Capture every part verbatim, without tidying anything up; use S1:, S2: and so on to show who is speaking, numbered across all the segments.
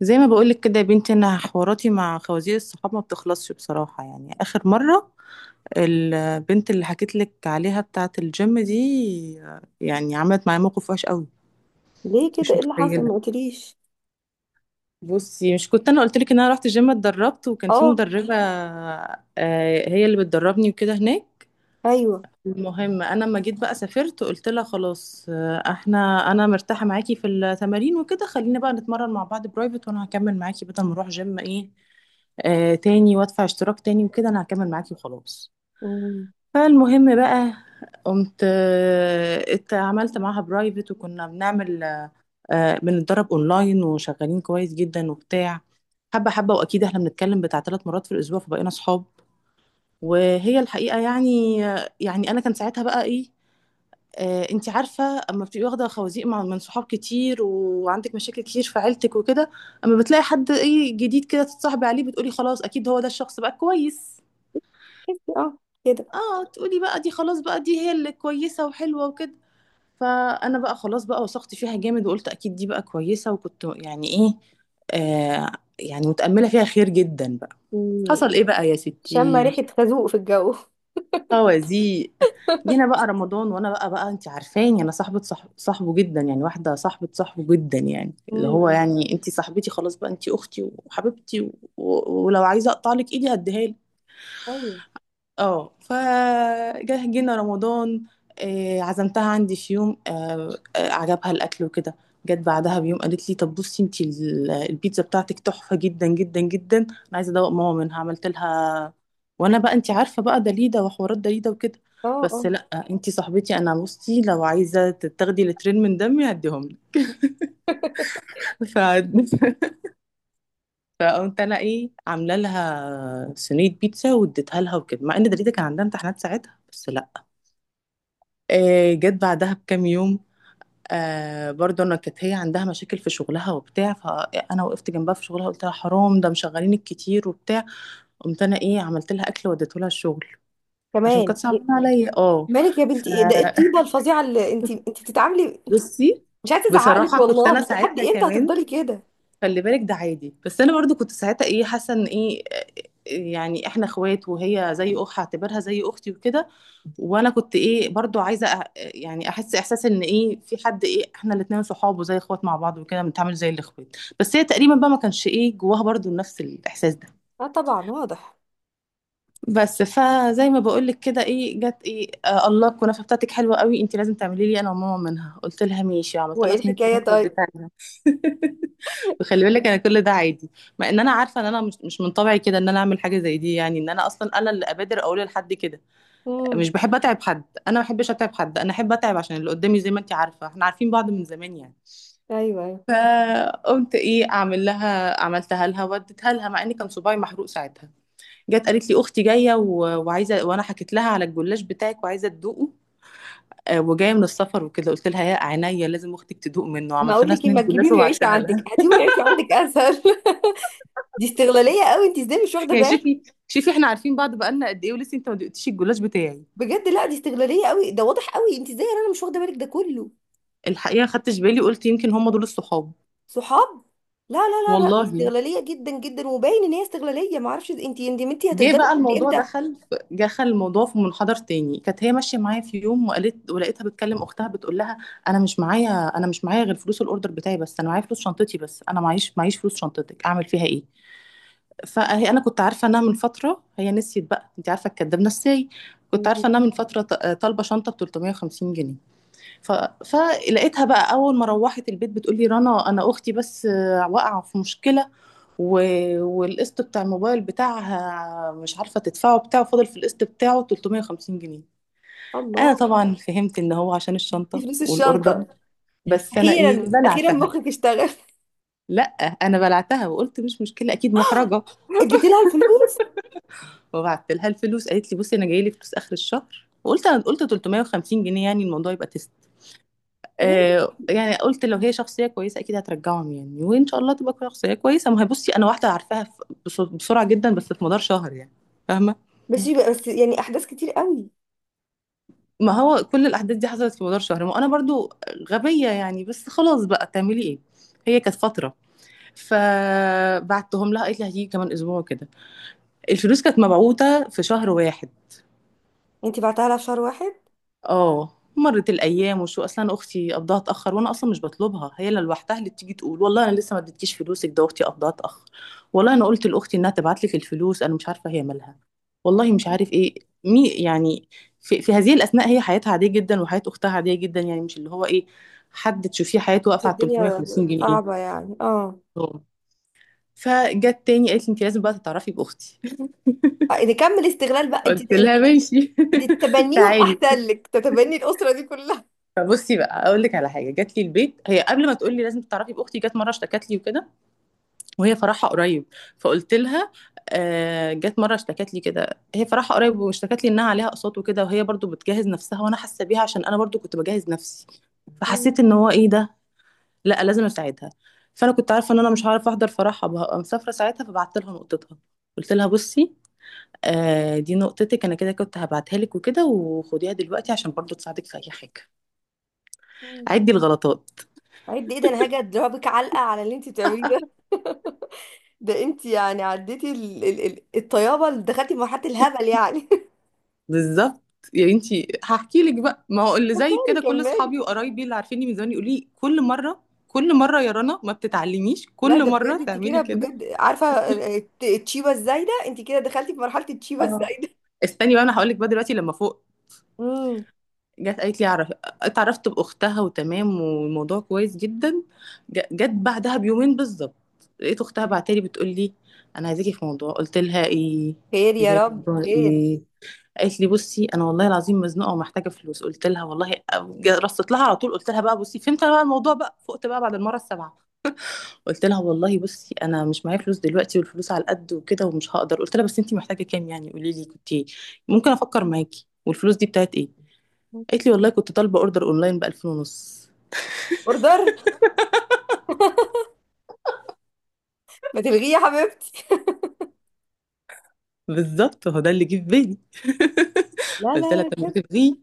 S1: زي ما بقولك كده يا بنتي، انا حواراتي مع خوازيق الصحاب ما بتخلصش بصراحة. يعني اخر مرة البنت اللي حكيت لك عليها بتاعة الجيم دي آه، يعني عملت معايا موقف وحش قوي،
S2: ليه كده؟
S1: مش
S2: ايه اللي حصل؟
S1: متخيلة.
S2: ما قلتليش.
S1: بصي، مش كنت انا قلت لك ان انا رحت الجيم اتدربت وكان في
S2: اه.
S1: مدربة آه، هي اللي بتدربني وكده هناك.
S2: ايوه.
S1: المهم انا لما جيت بقى سافرت قلت لها خلاص آه، احنا انا مرتاحة معاكي في التمارين وكده، خلينا بقى نتمرن مع بعض برايفت وانا هكمل معاكي بدل ما اروح جيم ايه آه تاني وادفع اشتراك تاني وكده، انا هكمل معاكي وخلاص.
S2: مم.
S1: فالمهم بقى، قمت آه، ات- عملت معاها برايفت، وكنا بنعمل آه، بنتدرب اونلاين وشغالين كويس جدا وبتاع، حبه حبه، واكيد احنا بنتكلم بتاع ثلاث مرات في الاسبوع فبقينا صحاب، وهي الحقيقه يعني. يعني انا كان ساعتها بقى ايه، آه انت عارفه، اما بتبقي واخده خوازيق مع- من صحاب كتير وعندك مشاكل كتير في عيلتك وكده، اما بتلاقي حد ايه جديد كده تتصاحبي عليه بتقولي خلاص اكيد هو ده الشخص بقى كويس.
S2: تحسي، اه، كده.
S1: اه، تقولي بقى دي خلاص بقى دي هي اللي كويسة وحلوة وكده. فأنا بقى خلاص بقى وثقت فيها جامد وقلت أكيد دي بقى كويسة، وكنت يعني إيه، آه يعني متأملة فيها خير جدا بقى.
S2: مم.
S1: حصل إيه بقى يا
S2: شم
S1: ستي؟
S2: ريحة خازوق في الجو.
S1: خوازيق. جينا بقى رمضان، وأنا بقى بقى أنت عارفاني أنا صاحبة صاحب صاحبه جدا يعني، واحدة صاحبة صاحبه جدا يعني، اللي هو
S2: مم.
S1: يعني أنت صاحبتي خلاص بقى أنت أختي وحبيبتي و... و- ولو عايزة أقطع لك إيدي هديها.
S2: ايوه.
S1: اه، فجه جينا رمضان، آه، عزمتها عندي في يوم، آه، آه، عجبها الاكل وكده. جت بعدها بيوم قالت لي طب بصي انتي ال- البيتزا بتاعتك تحفه جدا جدا جدا، انا عايزه ادوق ماما منها، عملت لها. وانا بقى انتي عارفه بقى دليده وحوارات دليده وكده،
S2: اه.
S1: بس
S2: اه،
S1: لا، انتي صاحبتي، انا بصي لو عايزه تاخدي لترين من دمي هديهم لك. ف... فقمت انا ايه عامله لها صينيه بيتزا واديتها لها وكده، مع ان دليده كان عندها امتحانات ساعتها، بس لا. آه، جت بعدها بكام يوم، آه برضه انا كانت هي عندها مشاكل في شغلها وبتاع، فانا وقفت جنبها في شغلها قلت لها حرام ده مشغلينك كتير وبتاع، قمت انا ايه عملت لها اكل وديته لها الشغل عشان
S2: كمان
S1: كانت
S2: إيه-
S1: صعبانه عليا. اه،
S2: مالك يا بنتي؟ ايه ده؟ ايه الطيبة الفظيعة اللي انت انت بتتعاملي؟
S1: فبصي
S2: مش عايزة ازعقلك
S1: بصراحه كنت
S2: والله،
S1: انا
S2: لحد
S1: ساعتها
S2: امتى
S1: كمان،
S2: هتفضلي كده؟
S1: خلي بالك ده عادي، بس انا برضو كنت ساعتها ايه حاسه ان ايه يعني احنا اخوات، وهي زي اخت هعتبرها زي اختي وكده، وانا كنت ايه برضو عايزه أ- يعني احس احساس ان ايه في حد ايه احنا الاتنين صحاب وزي اخوات مع بعض وكده بنتعامل زي الاخوات، بس هي تقريبا بقى ما كانش ايه جواها برضو نفس الاحساس ده.
S2: اه، طبعا واضح.
S1: بس فزي ما بقول لك كده ايه، جت ايه آه الله الكنافه بتاعتك حلوه قوي، انت لازم تعملي لي انا وماما منها. قلت لها ماشي، عملت
S2: وايه
S1: لها صينيه
S2: الحكاية
S1: كنافه
S2: طيب؟
S1: واديتها لها. وخلي بالك انا كل ده عادي، مع ان انا عارفه ان انا مش مش من طبعي كده ان انا اعمل حاجه زي دي، يعني ان انا اصلا انا اللي ابادر اقول لحد كده. مش
S2: امم.
S1: بحب اتعب حد، انا ما بحبش اتعب حد، انا احب اتعب عشان اللي قدامي، زي ما انت عارفه احنا عارفين بعض من زمان يعني.
S2: ايوه، ايوه.
S1: فقمت ايه اعمل لها، عملتها لها وديتها لها، مع ان كان صباعي محروق ساعتها. جت قالت لي اختي جايه و- وعايزه، وانا حكيت لها على الجلاش بتاعك وعايزه تدوقه آه، وجايه من السفر وكده. قلت لها يا عينيا لازم اختك تدوق منه،
S2: ما
S1: عملت
S2: اقول
S1: لها
S2: لك ايه،
S1: سنين
S2: ما
S1: جلاش
S2: تجيبيهم يعيشوا
S1: وبعتها.
S2: عندك، هاتيهم يعيشوا عندك اسهل. دي استغلالية قوي، انت ازاي مش واخدة
S1: يعني
S2: بالك؟
S1: شوفي، شوفي احنا عارفين بعض بقالنا قد ايه، ولسه انت ما دقتيش الجلاش بتاعي.
S2: بجد لا، دي استغلاليه قوي، ده واضح قوي، انت ازاي يا رنا مش واخده بالك ده كله؟
S1: الحقيقه خدتش بالي، قلت يمكن هم دول الصحاب،
S2: صحاب؟ لا، لا، لا، لا. دي
S1: والله.
S2: استغلاليه جدا جدا، وباين ان هي استغلاليه، ما اعرفش انت ندمتي،
S1: جه
S2: هتفضلي
S1: بقى
S2: لحد
S1: الموضوع
S2: امتى؟
S1: دخل في- دخل الموضوع في منحدر تاني، كانت هي ماشيه معايا في يوم وقالت، ولقيتها بتكلم اختها بتقول لها انا مش معايا، انا مش معايا غير فلوس الاوردر بتاعي بس، انا معايا فلوس شنطتي بس، انا معيش معيش فلوس شنطتك اعمل فيها ايه. فهي انا كنت عارفه انها من فتره، هي نسيت بقى انت عارفه الكداب نساي، كنت عارفه انها من فتره ط- طالبه شنطه ب ثلاثمية جنيه. ف... فلقيتها بقى اول ما روحت البيت بتقول لي رنا انا اختي بس آه، واقعه في مشكله، و... والقسط بتاع الموبايل بتاعها مش عارفه تدفعه، بتاعه فاضل في القسط بتاعه ثلاثمية جنيه. انا
S2: الله،
S1: طبعا فهمت ان هو عشان
S2: دي
S1: الشنطه
S2: فلوس
S1: والاوردر،
S2: الشنطه.
S1: بس انا ايه
S2: اخيرا اخيرا
S1: بلعتها.
S2: مخك اشتغل.
S1: لا، انا بلعتها وقلت مش مشكله اكيد محرجه،
S2: اديتي لها الفلوس؟
S1: وبعت لها الفلوس. قالت لي بصي انا جاي لي فلوس اخر الشهر، وقلت انا قلت ثلاثمية جنيه يعني الموضوع يبقى
S2: يا بنتي،
S1: آه يعني، قلت لو هي شخصيه كويسه اكيد هترجعهم يعني، وان شاء الله تبقى شخصيه كويسه. ما هي بصي انا واحده عارفاها ف- بس- بسرعه جدا، بس في مدار شهر يعني، فاهمه.
S2: بس يبقى بس يعني احداث كتير قوي.
S1: ما هو كل الاحداث دي حصلت في مدار شهر، ما انا برضو غبيه يعني، بس خلاص بقى، تعملي ايه، هي كانت فتره. فبعتهم لها، قالت لي هتيجي كمان اسبوع كده، الفلوس كانت مبعوته في شهر واحد.
S2: انت بعتها لها في شهر واحد؟
S1: اه مرت الايام، وشو اصلا اختي قبضها اتاخر، وانا اصلا مش بطلبها، هي اللي لوحدها اللي بتيجي تقول والله انا لسه ما اديتكيش فلوسك ده، اختي قبضها اتاخر، والله انا قلت لاختي انها تبعت لك الفلوس انا مش عارفه هي مالها، والله مش عارف ايه، مي يعني. في, في هذه الاثناء هي حياتها عاديه جدا وحياه اختها عاديه جدا، يعني مش اللي هو ايه حد تشوفيه حياته
S2: بس
S1: واقفه على 350
S2: الدنيا
S1: جنيه
S2: صعبه يعني، اه.
S1: أوه. فجت تاني قالت لي انت لازم بقى تتعرفي باختي.
S2: آه، نكمل استغلال بقى انت
S1: قلت لها ماشي.
S2: انت تتبنيهم
S1: تعالي.
S2: احسن لك، تتبني الاسره دي كلها.
S1: فبصي بقى اقول لك على حاجه، جات لي البيت هي قبل ما تقول لي لازم تعرفي باختي، جت مره اشتكت لي وكده، وهي فرحها قريب، فقلت لها آه جت مره اشتكت لي كده هي فرحها قريب، واشتكت لي انها عليها اقساط وكده، وهي برضو بتجهز نفسها، وانا حاسه بيها عشان انا برضو كنت بجهز نفسي. فحسيت ان هو ايه ده، لا لازم اساعدها. فانا كنت عارفه ان انا مش هعرف احضر فرحها بقى مسافره ساعتها، فبعت لها نقطتها. قلت لها بصي آه دي نقطتك، انا كده كنت هبعتها لك وكده، وخديها دلوقتي عشان برضو تساعدك في اي حاجه.
S2: مم.
S1: عدي الغلطات.
S2: عد؟ ايه ده، انا هاجي اضربك علقه على اللي انت بتعمليه ده. ده انت يعني عديتي ال... ال... ال... الطيابه، اللي دخلتي في مرحله الهبل يعني.
S1: بالظبط يعني. انت، هحكي لك بقى، ما هو اللي زي
S2: كملي
S1: كده كل
S2: كملي.
S1: اصحابي وقرايبي اللي عارفيني من زمان يقولوا لي كل مره، كل مره يا رنا ما بتتعلميش،
S2: لا،
S1: كل
S2: ده بجد،
S1: مره
S2: انت كده
S1: تعملي كده.
S2: بجد عارفه الت- التشيبه الزايده، انت كده دخلتي في مرحله التشيبه
S1: اه،
S2: الزايده.
S1: استني بقى انا هقول لك بقى دلوقتي لما فوق.
S2: امم.
S1: جت قالت لي اعرف، اتعرفت باختها وتمام والموضوع كويس جدا. ج- جت بعدها بيومين بالظبط، لقيت اختها بعتلي بتقول لي انا عايزاكي في موضوع. قلت لها ايه؟
S2: خير يا
S1: عايزاكي في
S2: رب،
S1: موضوع
S2: خير.
S1: ايه؟ قالت لي بصي انا والله العظيم مزنوقه ومحتاجه فلوس. قلت لها والله جا- رصت لها على طول قلت لها بقى، بصي فهمت أنا بقى الموضوع بقى، فقت بقى بعد المره السابعه. قلت لها والله بصي انا مش معايا فلوس دلوقتي، والفلوس على قد وكده ومش هقدر، قلت لها بس انت محتاجه كام يعني قولي لي، كنت إيه؟ ممكن افكر معاكي، والفلوس دي بتاعت ايه؟ قالت لي والله كنت طالبه اوردر اونلاين ب ألفين ونص.
S2: اوردر؟ ما تلغيه يا حبيبتي.
S1: بالظبط هو ده اللي جه في بالي.
S2: لا، لا،
S1: قلت لها
S2: لا،
S1: طب ما
S2: بجد.
S1: تلغيه،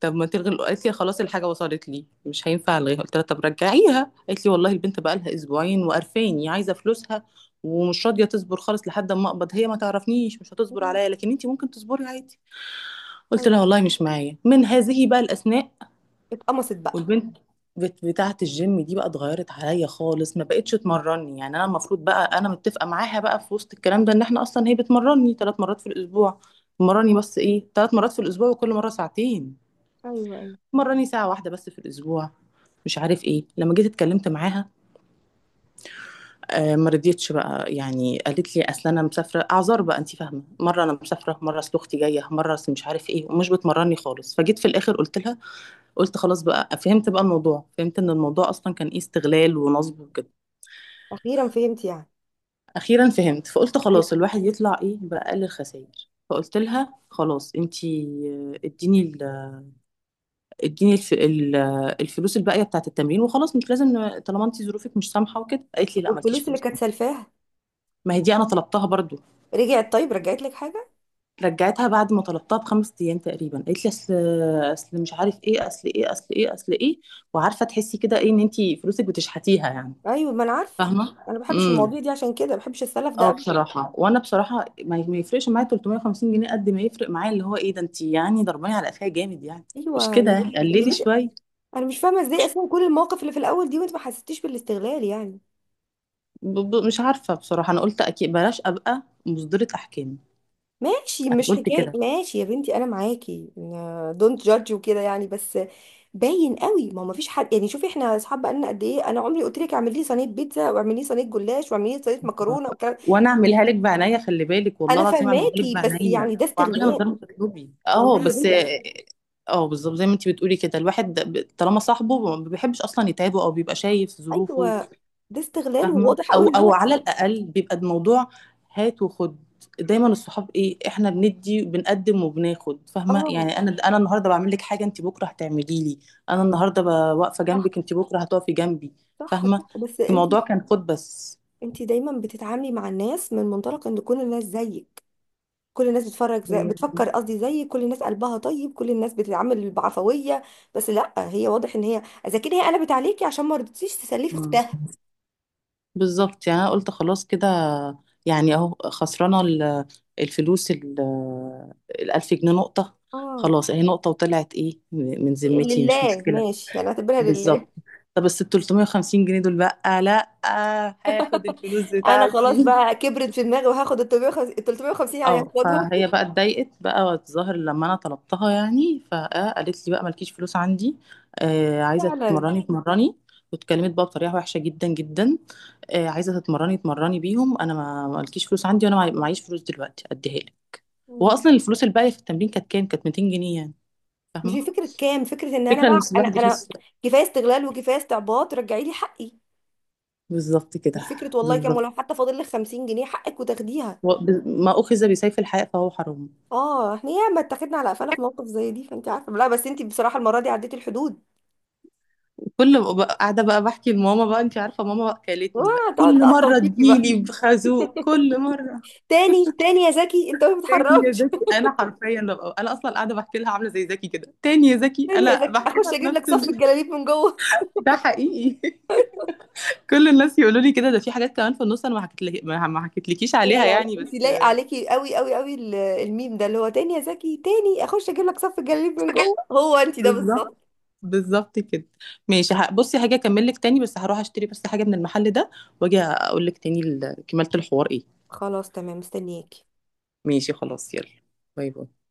S1: طب ما تلغي الأ- قالت لي خلاص الحاجه وصلت لي مش هينفع الغيها. قلت لها طب رجعيها، قالت لي والله البنت بقى لها اسبوعين وقرفاني عايزه فلوسها، ومش راضيه تصبر خالص لحد ما اقبض. هي ما تعرفنيش مش هتصبر
S2: مم.
S1: عليا، لكن انت ممكن تصبري عادي. قلت
S2: ايوه.
S1: لها والله مش معايا. من هذه بقى الاسماء.
S2: اتقمصت بقى.
S1: والبنت بت- بتاعه الجيم دي بقى اتغيرت عليا خالص، ما بقتش تمرني، يعني انا المفروض بقى انا متفقه معاها بقى في وسط الكلام ده ان احنا اصلا هي بتمرني ثلاث مرات في الاسبوع،
S2: مم.
S1: مرني بس ايه ثلاث مرات في الاسبوع وكل مره ساعتين،
S2: ايوه، ايوه.
S1: مرني ساعة واحدة بس في الأسبوع، مش عارف ايه. لما جيت اتكلمت معاها آه ما رضيتش بقى يعني، قالت لي اصل انا مسافره، اعذار بقى انت فاهمه، مره انا مسافره، مره اصل اختي جايه، مره اصل مش عارف ايه، ومش بتمرني خالص. فجيت في الاخر قلت لها، قلت خلاص بقى فهمت بقى الموضوع، فهمت ان الموضوع اصلا كان ايه استغلال ونصب وكده.
S2: اخيرا فهمت يعني.
S1: اخيرا فهمت، فقلت
S2: اخيرا.
S1: خلاص الواحد يطلع ايه باقل الخسائر. فقلت لها خلاص انت آه، اديني، اديني الف... ال- الفلوس الباقيه بتاعت التمرين وخلاص، مش لازم ن- طالما انت ظروفك مش سامحه وكده. قالت لي
S2: طب
S1: لا مالكيش
S2: والفلوس اللي
S1: فلوس.
S2: كانت سلفاها؟
S1: ما هي دي انا طلبتها برضو.
S2: رجعت؟ طيب رجعت لك حاجه؟
S1: رجعتها بعد ما طلبتها بخمس ايام تقريبا، قالت لي اصل، اصل مش عارف ايه، اصل ايه، اصل ايه، اصل ايه. وعارفه تحسي كده ايه ان انت فلوسك بتشحتيها يعني،
S2: ايوه، ما انا عارف.
S1: فاهمه.
S2: انا ما بحبش
S1: امم،
S2: المواضيع دي، عشان كده ما بحبش السلف ده
S1: اه
S2: ابدا.
S1: بصراحه، وانا بصراحه ما ما يفرقش معايا ثلاثمية جنيه، قد ما يفرق معايا اللي هو ايه ده، انت يعني ضرباني على قفايا جامد يعني،
S2: ايوه
S1: مش
S2: يا
S1: كده يعني،
S2: بنتي، انت
S1: قللي
S2: بنتي.
S1: شويه.
S2: انا مش فاهمه ازاي اصلا كل المواقف اللي في الاول دي وانت ما حسيتيش بالاستغلال يعني؟
S1: ب... ب... مش عارفة بصراحة، أنا قلت أكيد بلاش أبقى مصدرة أحكام،
S2: ماشي،
S1: أنا
S2: مش
S1: قلت
S2: حكايه
S1: كده.
S2: ماشي يا بنتي، انا معاكي. دونت جادج وكده يعني، بس باين قوي. ما هو ما فيش حد يعني. شوفي، احنا اصحاب بقالنا قد ايه، انا عمري قلت لك اعملي لي صينيه بيتزا، واعملي لي صينيه جلاش، واعملي لي صينيه مكرونه والكلام.
S1: وأنا أعملها لك بعناية خلي بالك، والله
S2: انا
S1: العظيم أعملها لك
S2: فاهماكي، بس
S1: بعناية
S2: يعني ده
S1: وأعملها من غير
S2: استغلال
S1: ما تطلبي، أه
S2: والله يا
S1: بس.
S2: بنتي.
S1: أه بالظبط زي ما أنت بتقولي كده، الواحد ب... طالما صاحبه ما بيحبش أصلا يتعبه أو بيبقى شايف ظروفه،
S2: ايوه، ده استغلال،
S1: فاهمه،
S2: وواضح قوي
S1: او
S2: ان
S1: او
S2: هي.
S1: على الاقل بيبقى الموضوع هات وخد. دايما الصحاب ايه احنا بندي، بنقدم وبناخد فاهمه
S2: اه.
S1: يعني، انا انا النهارده بعمل لك حاجه انت بكره هتعملي لي، انا النهارده ب- واقفه
S2: صح،
S1: جنبك انت بكره هتقفي جنبي،
S2: صح،
S1: فاهمه.
S2: صح، بس انت
S1: الموضوع كان خد بس.
S2: انت دايما بتتعاملي مع الناس من منطلق ان كل الناس زيك، كل الناس بتفرج زي،
S1: هي،
S2: بتفكر قصدي زيك، كل الناس قلبها طيب، كل الناس بتتعامل بعفوية. بس لا، هي واضح ان هي اذا كده، هي قلبت عليكي عشان ما رضيتيش تسلفي
S1: مم،
S2: اختها.
S1: بالظبط يعني. انا قلت خلاص كده يعني اهو خسرانه ال- الفلوس ال- الألف جنيه، نقطه،
S2: اه،
S1: خلاص اهي نقطه وطلعت ايه من ذمتي، مش
S2: لله،
S1: مشكله.
S2: ماشي انا هعتبرها لله.
S1: بالظبط، طب بس ال ثلاثمية جنيه دول بقى لا، هاخد الفلوس
S2: انا خلاص
S1: بتاعتي.
S2: بقى كبرت في دماغي، وهاخد ال ثلاث ميه وخمسين يعني
S1: اه،
S2: هاخدهم.
S1: فهي بقى اتضايقت بقى، والظاهر لما انا طلبتها يعني، فقالت لي بقى مالكيش فلوس عندي، آه عايزه
S2: فعلا.
S1: تتمرني تمرني. واتكلمت بقى بطريقه وحشه جدا جدا، آه عايزه تتمرني تمرني بيهم، انا ما مالكيش فلوس عندي، وانا معي- معيش فلوس دلوقتي اديها لك. هو
S2: مم.
S1: اصلا الفلوس الباقيه في التمرين كانت كام، كانت مائتين جنيه يعني،
S2: مش
S1: فاهمه.
S2: هي فكرة كام، فكرة ان انا
S1: الفكره
S2: بقى
S1: ان
S2: انا
S1: الواحد
S2: انا
S1: يحس،
S2: كفاية استغلال وكفاية استعباط، رجعي لي حقي.
S1: بالظبط
S2: مش
S1: كده.
S2: فكرة والله كام، ولو
S1: بالظبط،
S2: حتى فاضل لك خمسين جنيه حقك وتاخديها.
S1: و- ب- ما أخذ بسيف الحياء فهو حرام.
S2: اه، احنا ياما اتاخدنا على قفانا في موقف زي دي، فانت عارفة؟ لا بس انت بصراحة المرة دي عديتي الحدود.
S1: كل ما بقى- قاعدة بقى بحكي لماما، بقى أنت عارفة ماما بقى كلتني بقى،
S2: اه، تقعد
S1: كل
S2: تقطم
S1: مرة
S2: فيكي بقى.
S1: تجيلي بخازوق كل مرة.
S2: تاني تاني يا زكي، انت ما
S1: تاني يا
S2: بتتحركش.
S1: زكي، أنا حرفيا ببقى، أنا أصلا قاعدة بحكي لها عاملة زي زكي كده، تاني يا زكي،
S2: تاني يا
S1: أنا
S2: زكي،
S1: بحكي لها
S2: اخش اجيب
S1: بنفس
S2: لك صف
S1: ال...
S2: الجلاليب من جوه.
S1: ده حقيقي. كل الناس يقولوا لي كده، ده في حاجات كمان في النص أنا ما حكيت لك، ما ما حكيتلكيش
S2: لا، لا،
S1: عليها
S2: لا،
S1: يعني
S2: انت
S1: بس.
S2: لايقة عليكي قوي قوي قوي ال- الميم ده اللي هو تاني يا زكي، تاني اخش اجيب لك صف الجلاليب من جوه، هو انت ده
S1: بالظبط،
S2: بالظبط.
S1: بالظبط كده. ماشي، ه- بصي هاجي اكمل لك تاني، بس هروح اشتري بس حاجة من المحل ده، واجي اقول لك تاني ال- كمالة الحوار ايه.
S2: خلاص تمام، مستنياكي.
S1: ماشي خلاص، يلا، باي باي.